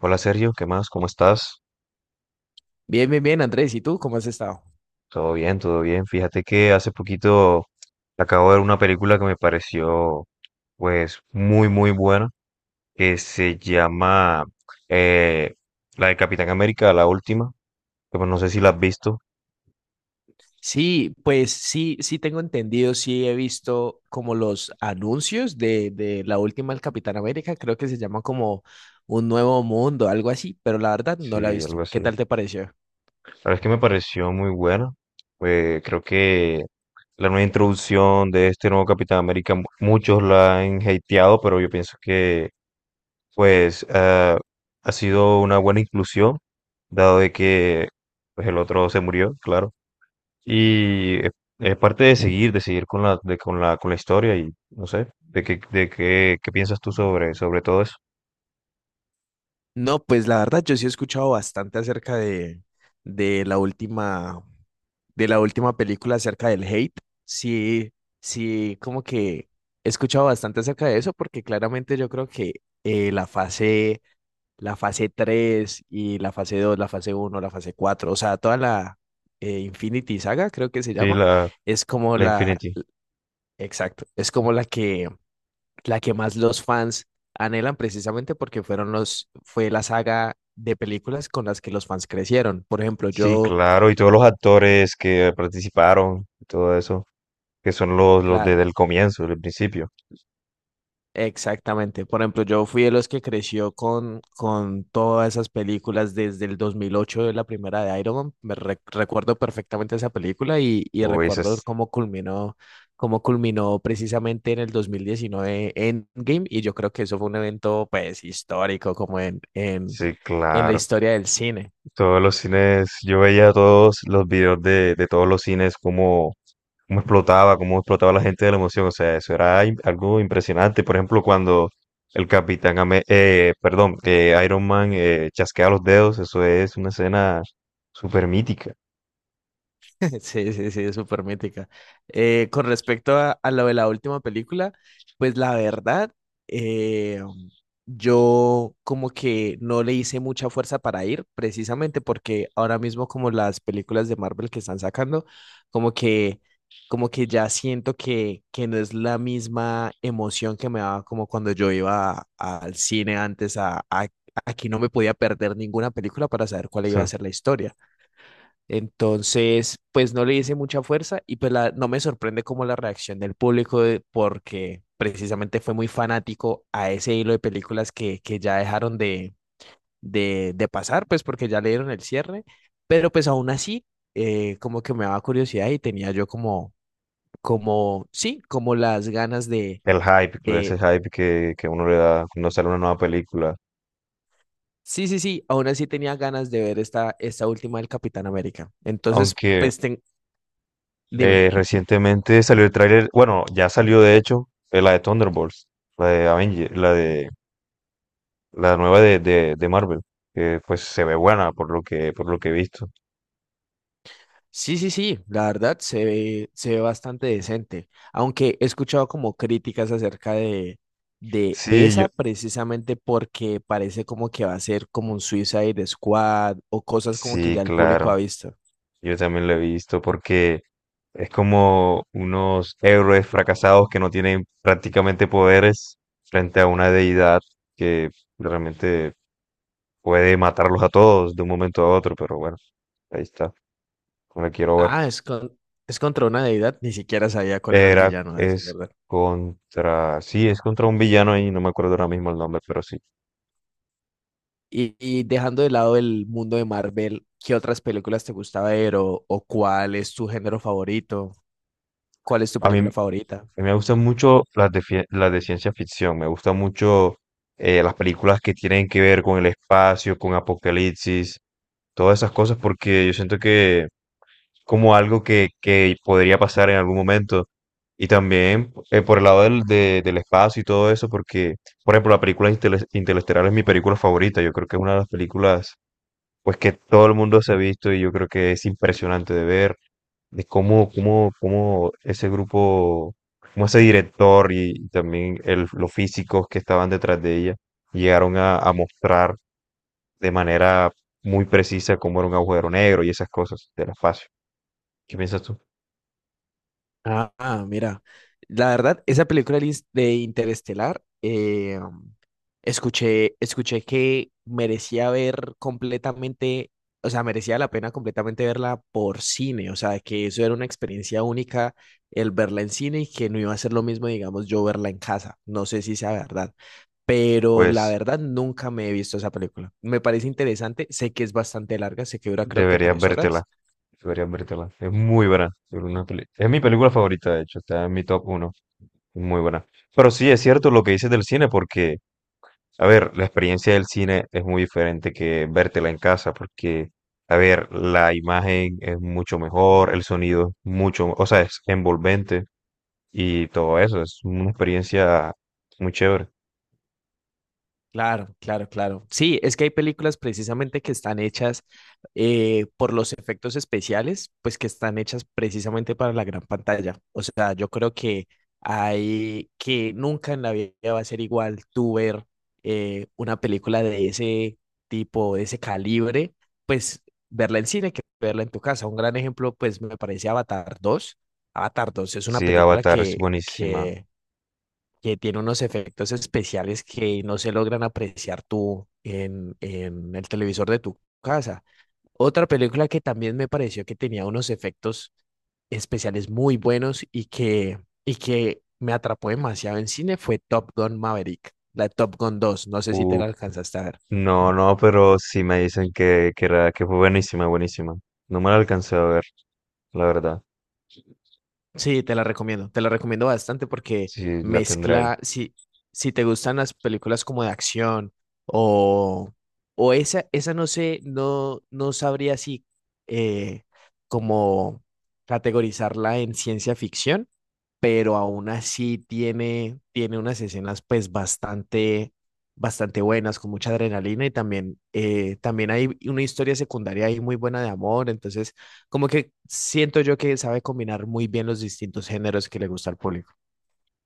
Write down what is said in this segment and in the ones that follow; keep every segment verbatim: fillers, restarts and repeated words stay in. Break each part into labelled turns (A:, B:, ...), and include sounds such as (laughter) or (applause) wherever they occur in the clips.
A: Hola Sergio, ¿qué más? ¿Cómo estás?
B: Bien, bien, bien, Andrés. ¿Y tú cómo has estado?
A: Todo bien, todo bien. Fíjate que hace poquito acabo de ver una película que me pareció pues muy muy buena, que se llama eh, la de Capitán América, la última, que pues no sé si la has visto,
B: Sí, pues sí, sí tengo entendido, sí he visto como los anuncios de, de la última del Capitán América, creo que se llama como Un Nuevo Mundo, algo así, pero la verdad
A: sí,
B: no la he
A: algo
B: visto.
A: así.
B: ¿Qué
A: La
B: tal te pareció?
A: verdad es que me pareció muy buena. Eh, creo que la nueva introducción de este nuevo Capitán América, mu- muchos la han hateado, pero yo pienso que pues ah, ha sido una buena inclusión, dado de que pues, el otro se murió, claro. Y es es parte de seguir, de seguir con la, de- con la, con la historia y no sé, de qué, de qué, qué piensas tú sobre, sobre todo eso.
B: No, pues la verdad yo sí he escuchado bastante acerca de, de la última, de la última película acerca del hate. Sí, sí, como que he escuchado bastante acerca de eso porque claramente yo creo que eh, la fase la fase tres y la fase dos, la fase uno, la fase cuatro, o sea, toda la eh, Infinity Saga, creo que se
A: Sí,
B: llama,
A: la,
B: es como
A: la
B: la,
A: Infinity.
B: exacto, es como la que, la que más los fans anhelan precisamente porque fueron los, fue la saga de películas con las que los fans crecieron. Por ejemplo,
A: Sí,
B: yo,
A: claro, y todos los actores que participaron y todo eso, que son los, los desde
B: claro,
A: el comienzo, del principio.
B: exactamente. Por ejemplo, yo fui de los que creció con, con todas esas películas desde el dos mil ocho de la primera de Iron Man. Me re- recuerdo perfectamente esa película y, y
A: Uy,
B: recuerdo
A: esas-
B: cómo culminó, cómo culminó precisamente en el dos mil diecinueve, Endgame. Y yo creo que eso fue un evento pues histórico como en, en,
A: sí,
B: en la
A: claro.
B: historia del cine.
A: Todos los cines, yo veía todos los videos de, de todos los cines, cómo, cómo explotaba, cómo explotaba la gente de la emoción. O sea, eso era im- algo impresionante. Por ejemplo, cuando el Capitán Ame- eh, perdón, eh, Iron Man eh, chasquea los dedos, eso es una escena súper mítica.
B: (laughs) Sí, sí, sí, es súper mítica. Eh, con respecto a, a lo de la última película, pues la verdad, eh, yo como que no le hice mucha fuerza para ir, precisamente porque ahora mismo como las películas de Marvel que están sacando, como que, como que ya siento que, que no es la misma emoción que me daba como cuando yo iba a- al cine antes a... a aquí no me podía perder ninguna película para saber cuál iba
A: Sí.
B: a ser la historia. Entonces, pues no le hice mucha fuerza y pues la- no me sorprende como la reacción del público de- porque precisamente fue muy fanático a ese hilo de películas que, que ya dejaron de, de, de pasar, pues porque ya le dieron el cierre, pero pues aún así, eh, como que me daba curiosidad y tenía yo como, como, sí, como las ganas de,
A: El hype, claro, ese
B: de,
A: hype que, que uno le da cuando sale una nueva película.
B: sí, sí, sí, aún así tenía ganas de ver esta, esta última del Capitán América. Entonces,
A: Aunque
B: pues ten- dime.
A: eh, recientemente salió el tráiler, bueno, ya salió de hecho, eh, la de Thunderbolts, la de Avenger, la de la nueva de, de, de Marvel, que pues se ve buena por lo que, por lo que he visto.
B: Sí, sí, sí, la verdad se ve, se ve bastante decente, aunque he escuchado como críticas acerca de, de
A: Sí, yo,
B: esa precisamente porque parece como que va a ser como un Suicide Squad o cosas como que
A: sí,
B: ya el público
A: claro,
B: ha visto.
A: yo también lo he visto porque es como unos héroes fracasados que no tienen prácticamente poderes frente a una deidad que realmente puede matarlos a todos de un momento a otro, pero bueno, ahí está, no la quiero ver.
B: Ah, es, con, es contra una deidad, ni siquiera sabía cuál era el
A: Era,
B: villano, a decir
A: es
B: verdad.
A: contra, sí, es contra un villano ahí, no me acuerdo ahora mismo el nombre, pero sí.
B: Y, y dejando de lado el mundo de Marvel, ¿qué otras películas te gusta ver o, o cuál es tu género favorito? ¿Cuál es tu
A: A mí, a
B: película
A: mí
B: favorita?
A: me gustan mucho las de, fie- las de ciencia ficción, me gustan mucho eh, las películas que tienen que ver con el espacio, con apocalipsis, todas esas cosas, porque yo siento que como algo que, que podría pasar en algún momento. Y también eh, por el lado del, de- del espacio y todo eso, porque, por ejemplo, la película Intele- Interestelar es mi película favorita, yo creo que es una de las películas pues que todo el mundo se ha visto y yo creo que es impresionante de ver de cómo, cómo, cómo ese grupo, cómo ese director y también el- los físicos que estaban detrás de ella llegaron a, a mostrar de manera muy precisa cómo era un agujero negro y esas cosas del espacio. ¿Qué piensas tú?
B: Ah, ah, mira, la verdad, esa película de Ins- de Interestelar, eh, escuché, escuché que merecía ver completamente, o sea, merecía la pena completamente verla por cine, o sea, que eso era una experiencia única el verla en cine y que no iba a ser lo mismo, digamos, yo verla en casa. No sé si sea verdad, pero la
A: Pues
B: verdad nunca me he visto esa película. Me parece interesante, sé que es bastante larga, sé que dura creo que
A: Deberías
B: tres
A: vértela.
B: horas
A: Deberías vértela. Es muy buena. Es una peli- es mi película favorita, de hecho. Está en mi top uno. Muy buena. Pero sí, es cierto lo que dices del cine, porque, a ver, la experiencia del cine es muy diferente que vértela en casa, porque, a ver, la imagen es mucho mejor, el sonido es mucho, o sea, es envolvente y todo eso. Es una experiencia muy chévere.
B: Claro, claro, claro. Sí, es que hay películas precisamente que están hechas eh, por los efectos especiales, pues que están hechas precisamente para la gran pantalla. O sea, yo creo que hay que nunca en la vida va a ser igual tú ver eh, una película de ese tipo, de ese calibre, pues verla en cine que verla en tu casa. Un gran ejemplo, pues me parece Avatar dos. Avatar dos es una
A: Sí,
B: película
A: Avatar es
B: que,
A: buenísima.
B: que que tiene unos efectos especiales que no se logran apreciar tú en, en el televisor de tu casa. Otra película que también me pareció que tenía unos efectos especiales muy buenos y que, y que me atrapó demasiado en cine fue Top Gun Maverick, la Top Gun dos. No sé si te
A: Uh,
B: la alcanzaste a ver.
A: no, no, pero sí me dicen que, que, era, que fue buenísima, buenísima. No me la alcancé a ver, la verdad.
B: Sí, te la recomiendo, te la recomiendo bastante porque
A: Sí, la tendré ahí.
B: mezcla, si, si te gustan las películas como de acción o, o esa, esa no sé, no, no sabría si eh, como categorizarla en ciencia ficción, pero aún así tiene, tiene unas escenas pues bastante, bastante buenas, con mucha adrenalina y también, eh, también hay una historia secundaria ahí muy buena de amor, entonces... Como que siento yo que sabe combinar muy bien los distintos géneros que le gusta al público.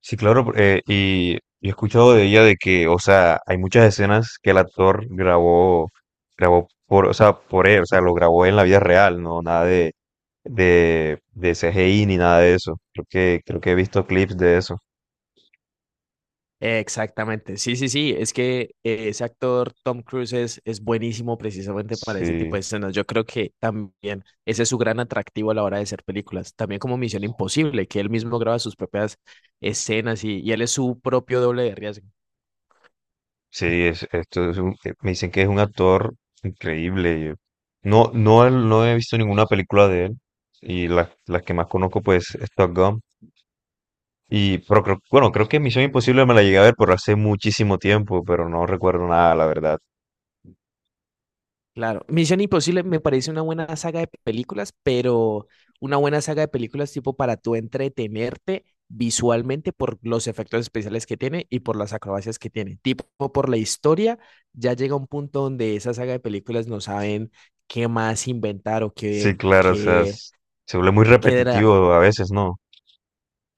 A: Sí, claro, por- eh, y yo he escuchado de ella de que, o sea, hay muchas escenas que el actor grabó, grabó por, o sea, por él, o sea, lo grabó en la vida real, no nada de, de, de C G I ni nada de eso. Creo que, creo que he visto clips de eso.
B: Exactamente, sí, sí, sí, es que eh, ese actor Tom Cruise es, es buenísimo precisamente para ese tipo de
A: Sí,
B: escenas. Yo creo que también ese es su gran atractivo a la hora de hacer películas. También como Misión Imposible, que él mismo graba sus propias escenas y, y él es su propio doble de riesgo.
A: sí, es- esto es un- eh, me dicen que es un actor increíble. yo- No, no, no he visto ninguna película de él y las, las que más conozco, pues, es Top Gun. Y, pero creo, bueno, creo que Misión Imposible me la llegué a ver por hace muchísimo tiempo, pero no recuerdo nada, la verdad.
B: Claro, Misión Imposible me parece una buena saga de películas, pero una buena saga de películas tipo para tú entretenerte visualmente por los efectos especiales que tiene y por las acrobacias que tiene. Tipo por la historia, ya llega un punto donde esa saga de películas no saben qué más inventar o
A: Sí,
B: qué,
A: claro, o sea,
B: qué,
A: es- se vuelve muy
B: qué dra-
A: repetitivo a veces, ¿no?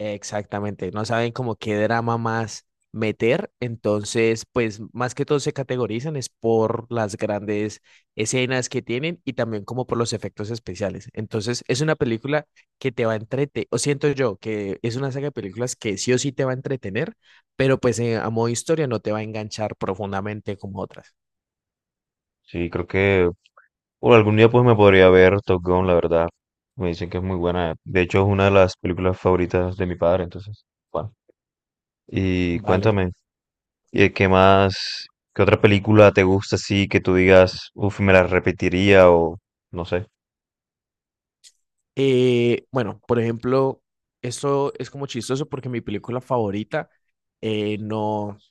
B: exactamente, no saben como qué drama más meter, entonces pues más que todo se categorizan es por las grandes escenas que tienen y también como por los efectos especiales. Entonces es una película que te va a entretener, o siento yo que es una saga de películas que sí o sí te va a entretener, pero pues eh, a modo historia no te va a enganchar profundamente como otras.
A: Sí, creo que bueno, algún día pues me podría ver Top Gun, la verdad. Me dicen que es muy buena. De hecho, es una de las películas favoritas de mi padre, entonces, bueno. Y
B: Vale.
A: cuéntame, ¿y de qué más? ¿Qué otra película te gusta así que tú digas, uff, me la repetiría o no sé?
B: Eh, bueno, por ejemplo, esto es como chistoso porque mi película favorita eh, no,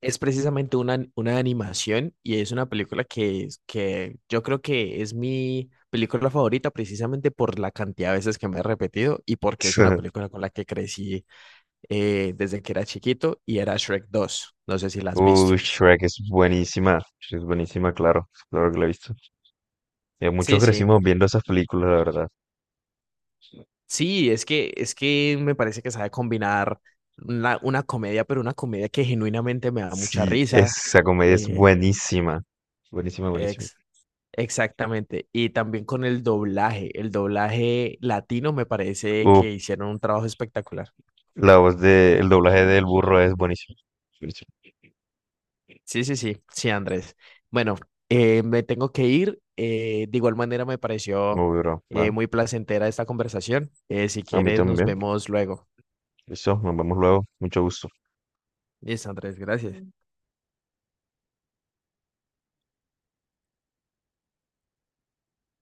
B: es precisamente una, una animación y es una película que, es- que yo creo que es mi película favorita precisamente por la cantidad de veces que me he repetido y porque es una
A: (laughs)
B: película con la que crecí eh, desde que era chiquito y era Shrek dos. No sé si la has visto.
A: Uh, Shrek es buenísima, es buenísima, claro, claro que la he visto. Eh, muchos
B: Sí, sí.
A: crecimos viendo esas películas, la verdad.
B: Sí, es que, es que me parece que sabe combinar una, una comedia, pero una comedia que genuinamente me da mucha
A: Sí,
B: risa.
A: esa comedia es
B: eh,
A: buenísima, buenísima, buenísima.
B: ex- Exactamente. Y también con el doblaje. El doblaje latino me parece
A: Uh,
B: que hicieron un trabajo espectacular.
A: la voz de, el doblaje del burro es buenísimo, buenísimo.
B: Sí, sí, sí, sí, Andrés. Bueno, eh, me tengo que ir. Eh, de igual manera me pareció
A: Uy, bro, va,
B: eh, muy placentera esta conversación. Eh, si
A: a mí
B: quieres, nos
A: también.
B: vemos luego.
A: Listo, nos vemos luego, mucho gusto.
B: Listo, Andrés, gracias.